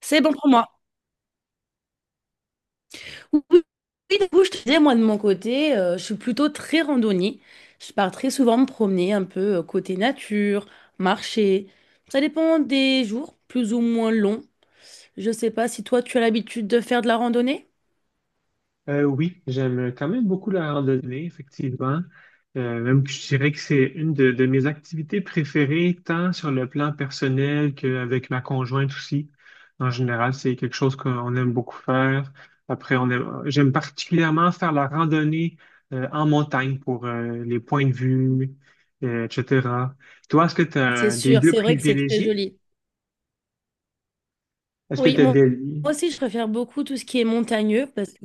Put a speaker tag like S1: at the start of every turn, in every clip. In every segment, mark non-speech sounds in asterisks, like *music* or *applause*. S1: C'est bon pour moi. Oui, oui, oui, du coup, je te disais, moi, de mon côté, je suis plutôt très randonnée. Je pars très souvent me promener un peu côté nature, marcher. Ça dépend des jours, plus ou moins longs. Je sais pas si toi, tu as l'habitude de faire de la randonnée.
S2: Oui, j'aime quand même beaucoup la randonnée, effectivement. Même que je dirais que c'est une de mes activités préférées, tant sur le plan personnel qu'avec ma conjointe aussi. En général, c'est quelque chose qu'on aime beaucoup faire. Après, j'aime particulièrement faire la randonnée en montagne pour les points de vue, etc. Toi, est-ce que tu
S1: C'est
S2: as des
S1: sûr,
S2: lieux
S1: c'est vrai que c'est très
S2: privilégiés?
S1: joli.
S2: Est-ce que
S1: Oui,
S2: tu as
S1: moi,
S2: des,
S1: moi aussi, je préfère beaucoup tout ce qui est montagneux parce que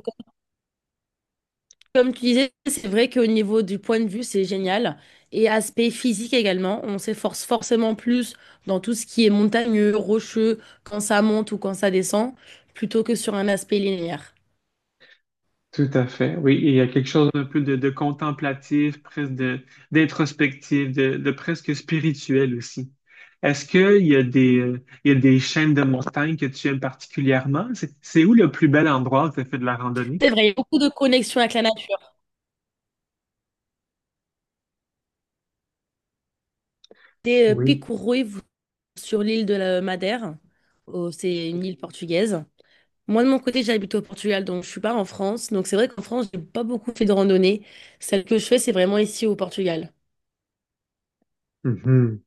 S1: comme tu disais, c'est vrai qu'au niveau du point de vue, c'est génial. Et aspect physique également, on s'efforce forcément plus dans tout ce qui est montagneux, rocheux, quand ça monte ou quand ça descend, plutôt que sur un aspect linéaire.
S2: Tout à fait, oui. Et il y a quelque chose d'un peu de contemplatif, d'introspectif, de presque spirituel aussi. Est-ce qu'il y a des chaînes de montagnes que tu aimes particulièrement? C'est où le plus bel endroit où tu as fait de la randonnée?
S1: C'est vrai, il y a beaucoup de connexions avec la nature. Des
S2: Oui.
S1: Picourouy sur l'île de la Madère. Oh, c'est une île portugaise. Moi, de mon côté, j'habite au Portugal, donc je suis pas en France. Donc c'est vrai qu'en France, j'ai pas beaucoup fait de randonnée. Celle que je fais, c'est vraiment ici au Portugal.
S2: Mhm.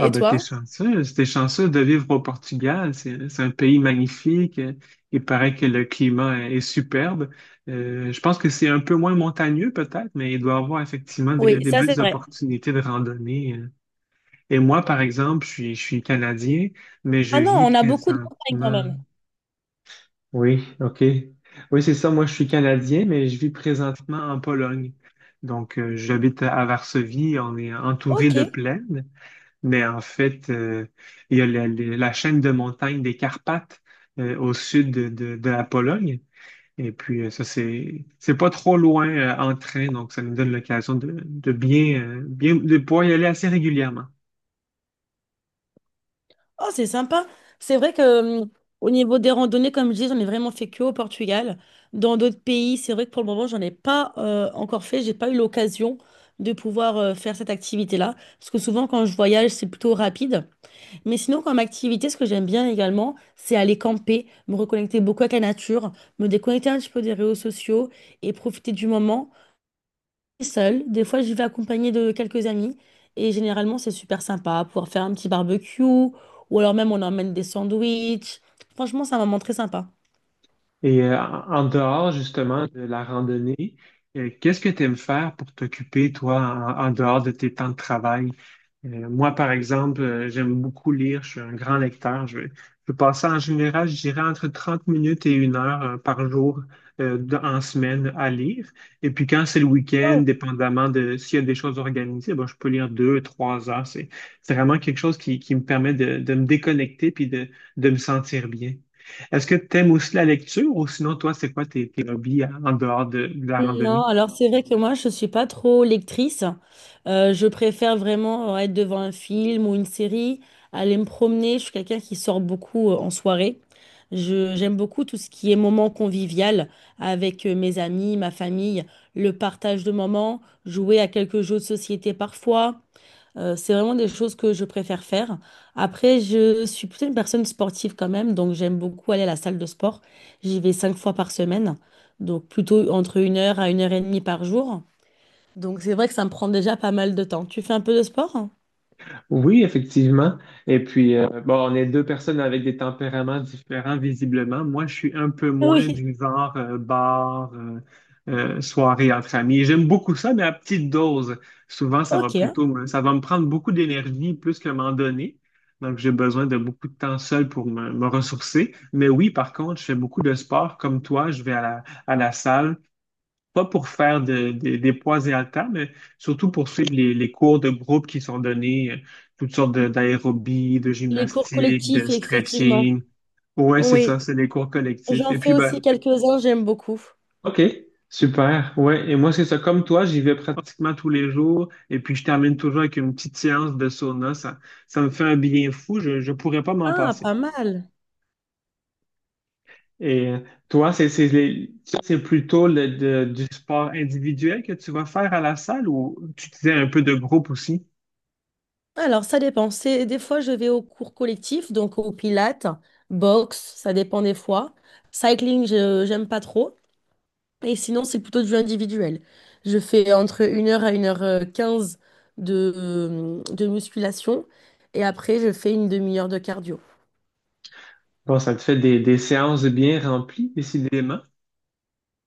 S2: Ah ben
S1: toi?
S2: t'es chanceuse de vivre au Portugal. C'est un pays magnifique. Il paraît que le climat est superbe. Je pense que c'est un peu moins montagneux peut-être, mais il doit y avoir effectivement
S1: Oui,
S2: des
S1: ça c'est
S2: belles
S1: vrai.
S2: opportunités de randonnée. Et moi, par exemple, je suis Canadien, mais je
S1: Ah non,
S2: vis
S1: on a beaucoup de montagnes quand
S2: présentement.
S1: même.
S2: Oui, OK. Oui, c'est ça. Moi, je suis Canadien, mais je vis présentement en Pologne. J'habite à Varsovie. On est entouré
S1: Ok.
S2: de plaines, mais en fait, il y a la chaîne de montagnes des Carpates au sud de la Pologne. Et puis, ça, c'est pas trop loin en train, donc ça nous donne l'occasion de pouvoir y aller assez régulièrement.
S1: Oh, c'est sympa. C'est vrai que au niveau des randonnées, comme je dis, j'en ai vraiment fait que au Portugal. Dans d'autres pays, c'est vrai que pour le moment, j'en ai pas encore fait. J'ai pas eu l'occasion de pouvoir faire cette activité-là. Parce que souvent, quand je voyage, c'est plutôt rapide. Mais sinon, comme activité, ce que j'aime bien également, c'est aller camper, me reconnecter beaucoup avec la nature, me déconnecter un petit peu des réseaux sociaux et profiter du moment. Seule, des fois j'y vais accompagnée de quelques amis et généralement c'est super sympa, pouvoir faire un petit barbecue ou alors même on emmène des sandwichs. Franchement, c'est un moment très sympa.
S2: Et en dehors justement de la randonnée, qu'est-ce que tu aimes faire pour t'occuper, toi, en dehors de tes temps de travail? Moi, par exemple, j'aime beaucoup lire, je suis un grand lecteur. Je passe en général, je dirais, entre 30 minutes et une heure par jour en semaine à lire. Et puis quand c'est le week-end,
S1: Wow.
S2: dépendamment de s'il y a des choses organisées, ben, je peux lire deux, trois heures. C'est vraiment quelque chose qui me permet de me déconnecter puis de me sentir bien. Est-ce que tu aimes aussi la lecture ou sinon, toi, c'est quoi tes hobbies en dehors de la randonnée?
S1: Non, alors c'est vrai que moi je suis pas trop lectrice. Je préfère vraiment être devant un film ou une série, aller me promener. Je suis quelqu'un qui sort beaucoup en soirée. J'aime beaucoup tout ce qui est moment convivial avec mes amis, ma famille, le partage de moments, jouer à quelques jeux de société parfois. C'est vraiment des choses que je préfère faire. Après, je suis plutôt une personne sportive quand même, donc j'aime beaucoup aller à la salle de sport. J'y vais 5 fois par semaine, donc plutôt entre 1 heure à 1 heure et demie par jour. Donc c'est vrai que ça me prend déjà pas mal de temps. Tu fais un peu de sport, hein?
S2: Oui, effectivement. Et puis, bon, on est deux personnes avec des tempéraments différents, visiblement. Moi, je suis un peu moins
S1: Oui.
S2: du genre bar, soirée entre amis. J'aime beaucoup ça, mais à petite dose. Souvent,
S1: Ok.
S2: ça va me prendre beaucoup d'énergie plus que m'en donner. Donc, j'ai besoin de beaucoup de temps seul pour me ressourcer. Mais oui, par contre, je fais beaucoup de sport comme toi. Je vais à à la salle, pas pour faire des poids et haltères, mais surtout pour suivre les cours de groupe qui sont donnés, toutes sortes d'aérobie, de
S1: Les cours
S2: gymnastique, de
S1: collectifs, effectivement.
S2: stretching. Ouais, c'est
S1: Oui.
S2: ça, c'est les cours collectifs.
S1: J'en fais aussi quelques-uns, j'aime beaucoup.
S2: OK, super. Ouais, et moi, c'est ça. Comme toi, j'y vais pratiquement tous les jours. Et puis, je termine toujours avec une petite séance de sauna. Ça me fait un bien fou. Je ne pourrais pas m'en
S1: Ah,
S2: passer.
S1: pas mal.
S2: Et toi, c'est plutôt du sport individuel que tu vas faire à la salle ou tu disais un peu de groupe aussi?
S1: Alors, ça dépend. C'est, des fois, je vais aux cours collectifs, donc au pilates, boxe, ça dépend des fois. Cycling, j'aime pas trop. Et sinon, c'est plutôt du individuel. Je fais entre une heure à une heure quinze de musculation. Et après, je fais 1 demi-heure de cardio.
S2: Bon, ça te fait des séances bien remplies, décidément.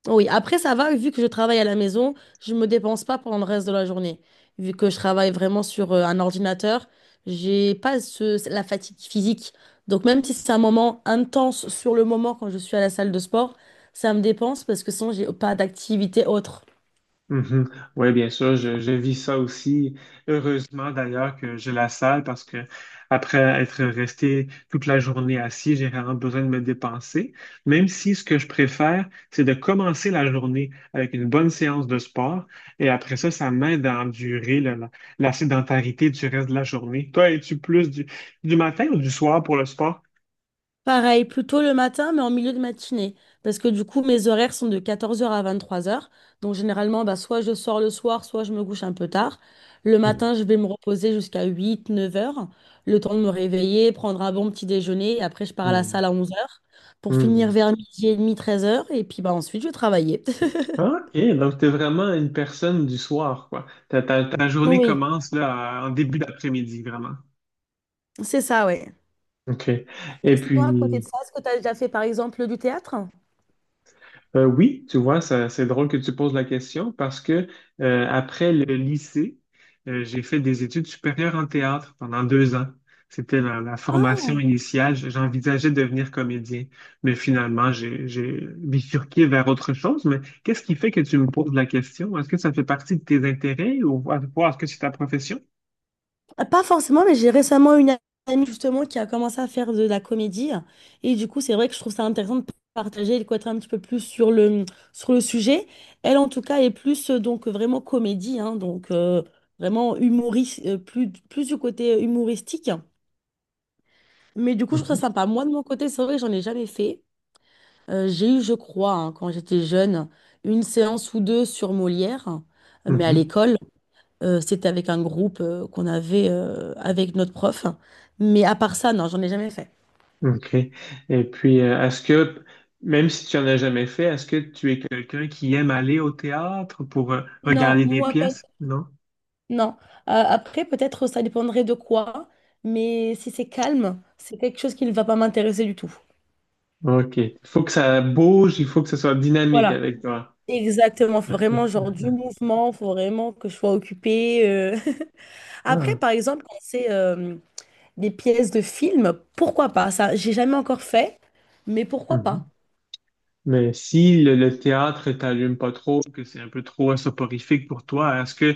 S1: Oui, après ça va, vu que je travaille à la maison, je me dépense pas pendant le reste de la journée. Vu que je travaille vraiment sur un ordinateur, j'ai pas ce- la fatigue physique. Donc même si c'est un moment intense sur le moment quand je suis à la salle de sport, ça me dépense parce que sinon j'ai pas d'activité autre.
S2: Mhm. Oui, bien sûr, je vis ça aussi. Heureusement d'ailleurs que j'ai la salle parce que après être resté toute la journée assis, j'ai vraiment besoin de me dépenser. Même si ce que je préfère, c'est de commencer la journée avec une bonne séance de sport et après ça, ça m'aide à endurer la, la sédentarité du reste de la journée. Toi, es-tu plus du matin ou du soir pour le sport?
S1: Pareil, plutôt le matin, mais en milieu de matinée. Parce que du coup, mes horaires sont de 14 heures à 23 heures. Donc généralement, bah, soit je sors le soir, soit je me couche un peu tard. Le matin, je vais me reposer jusqu'à 8, 9 heures. Le temps de me réveiller, prendre un bon petit déjeuner. Et après, je pars à la
S2: Mhm.
S1: salle à 11 heures pour finir
S2: Mhm.
S1: vers midi et demi, 13 heures. Et puis bah, ensuite, je vais travailler. *laughs*
S2: Ok, donc t'es vraiment une personne du soir, quoi. Ta journée
S1: Oui,
S2: commence là, en début d'après-midi, vraiment.
S1: c'est ça, ouais.
S2: OK.
S1: Et
S2: Et
S1: sinon, à côté de
S2: puis,
S1: ça, est-ce que tu as déjà fait par exemple du théâtre?
S2: Oui, tu vois, c'est drôle que tu poses la question parce que après le lycée, j'ai fait des études supérieures en théâtre pendant deux ans. C'était la formation
S1: Ah,
S2: initiale. J'envisageais de devenir comédien, mais finalement, j'ai bifurqué vers autre chose. Mais qu'est-ce qui fait que tu me poses la question? Est-ce que ça fait partie de tes intérêts ou est-ce que c'est ta profession?
S1: ah, pas forcément, mais j'ai récemment une amie justement qui a commencé à faire de la comédie. Et du coup, c'est vrai que je trouve ça intéressant de partager et de connaître un petit peu plus sur sur le sujet. Elle, en tout cas, est plus donc vraiment comédie, hein, donc vraiment humoriste, plus du côté humoristique. Mais du coup, je trouve ça
S2: Mhm,
S1: sympa. Moi, de mon côté, c'est vrai que j'en ai jamais fait. J'ai eu, je crois, hein, quand j'étais jeune, une séance ou deux sur Molière, mais à
S2: mhm.
S1: l'école. C'était avec un groupe qu'on avait avec notre prof. Mais à part ça, non, j'en ai jamais fait.
S2: OK. Et puis, même si tu en as jamais fait, est-ce que tu es quelqu'un qui aime aller au théâtre pour
S1: Non,
S2: regarder des
S1: moi pas.
S2: pièces? Non?
S1: Non. Après, peut-être ça dépendrait de quoi, mais si c'est calme, c'est quelque chose qui ne va pas m'intéresser du tout.
S2: OK. Il faut que ça bouge, il faut que ce soit dynamique
S1: Voilà.
S2: avec toi.
S1: Exactement. Faut vraiment genre du mouvement, faut vraiment que je sois occupée. *laughs* Après,
S2: Ah.
S1: par exemple, quand c'est des pièces de film, pourquoi pas? Ça, j'ai jamais encore fait, mais pourquoi pas?
S2: Mhm. Mais si le théâtre t'allume pas trop, que c'est un peu trop soporifique pour toi,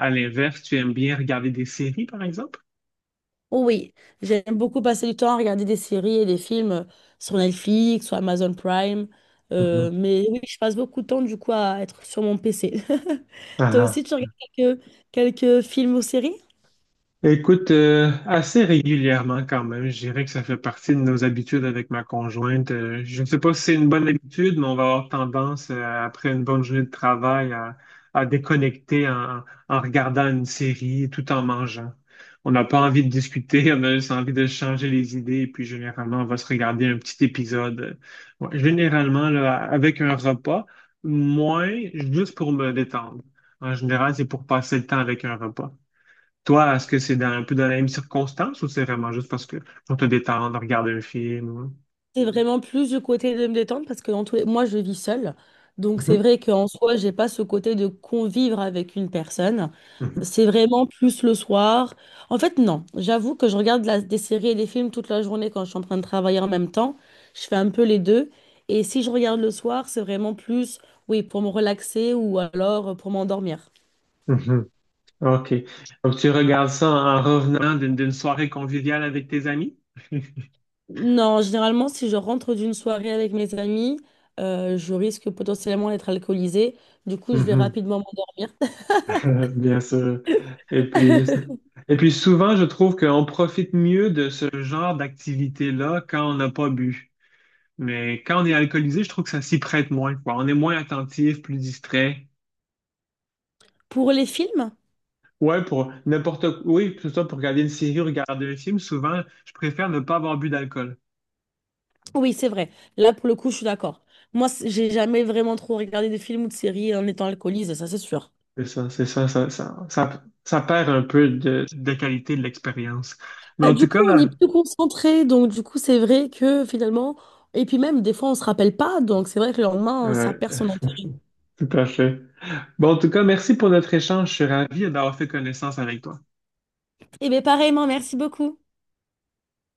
S2: à l'inverse, tu aimes bien regarder des séries, par exemple?
S1: Oh oui, j'aime beaucoup passer du temps à regarder des séries et des films sur Netflix, sur Amazon Prime.
S2: Mhm.
S1: Mais oui, je passe beaucoup de temps du coup à être sur mon PC. *laughs*
S2: Ah,
S1: Toi
S2: ah.
S1: aussi, tu regardes quelques, quelques films ou séries?
S2: Écoute, assez régulièrement quand même, je dirais que ça fait partie de nos habitudes avec ma conjointe. Je ne sais pas si c'est une bonne habitude, mais on va avoir tendance, après une bonne journée de travail, à déconnecter en regardant une série tout en mangeant. On n'a pas envie de discuter, *laughs* on a juste envie de changer les idées, et puis généralement, on va se regarder un petit épisode. Ouais, généralement, là, avec un repas, moins juste pour me détendre. En général, c'est pour passer le temps avec un repas. Toi, est-ce que c'est un peu dans la même circonstance ou c'est vraiment juste parce que pour te détendre, regarder un film? Ou-
S1: C'est vraiment plus du côté de me détendre parce que dans tous les... moi, je vis seule. Donc, c'est
S2: Mhm,
S1: vrai qu'en soi, j'ai pas ce côté de convivre avec une personne.
S2: mhm,
S1: C'est vraiment plus le soir. En fait, non. J'avoue que je regarde la- des séries et des films toute la journée quand je suis en train de travailler en même temps. Je fais un peu les deux. Et si je regarde le soir, c'est vraiment plus, oui, pour me relaxer ou alors pour m'endormir.
S2: mhm. OK. Donc, tu regardes ça en revenant d'une soirée conviviale avec tes amis?
S1: Non, généralement, si je rentre d'une soirée avec mes amis, je risque potentiellement d'être alcoolisée. Du coup, je vais
S2: Mhm.
S1: rapidement m'endormir.
S2: *laughs* Bien sûr. Et puis, je- Et puis souvent, je trouve qu'on profite mieux de ce genre d'activité-là quand on n'a pas bu. Mais quand on est alcoolisé, je trouve que ça s'y prête moins, quoi. On est moins attentif, plus distrait.
S1: Pour les films,
S2: Ouais, pour n'importe quoi. Oui, que ce soit pour regarder une série ou regarder un film, souvent, je préfère ne pas avoir bu d'alcool.
S1: oui, c'est vrai. Là, pour le coup, je suis d'accord. Moi, c- j'ai jamais vraiment trop regardé de films ou de séries en étant alcoolisée, ça c'est sûr.
S2: C'est ça, ça perd un peu de qualité de l'expérience. Mais en
S1: Du
S2: tout cas,
S1: coup, on est plus concentré, donc du coup, c'est vrai que finalement, et puis même des fois, on se rappelle pas, donc c'est vrai que le lendemain, ça
S2: ouais,
S1: perd son intérêt.
S2: tout à fait. Bon, en tout cas, merci pour notre échange. Je suis ravi d'avoir fait connaissance avec toi.
S1: Et bien, pareillement, merci beaucoup.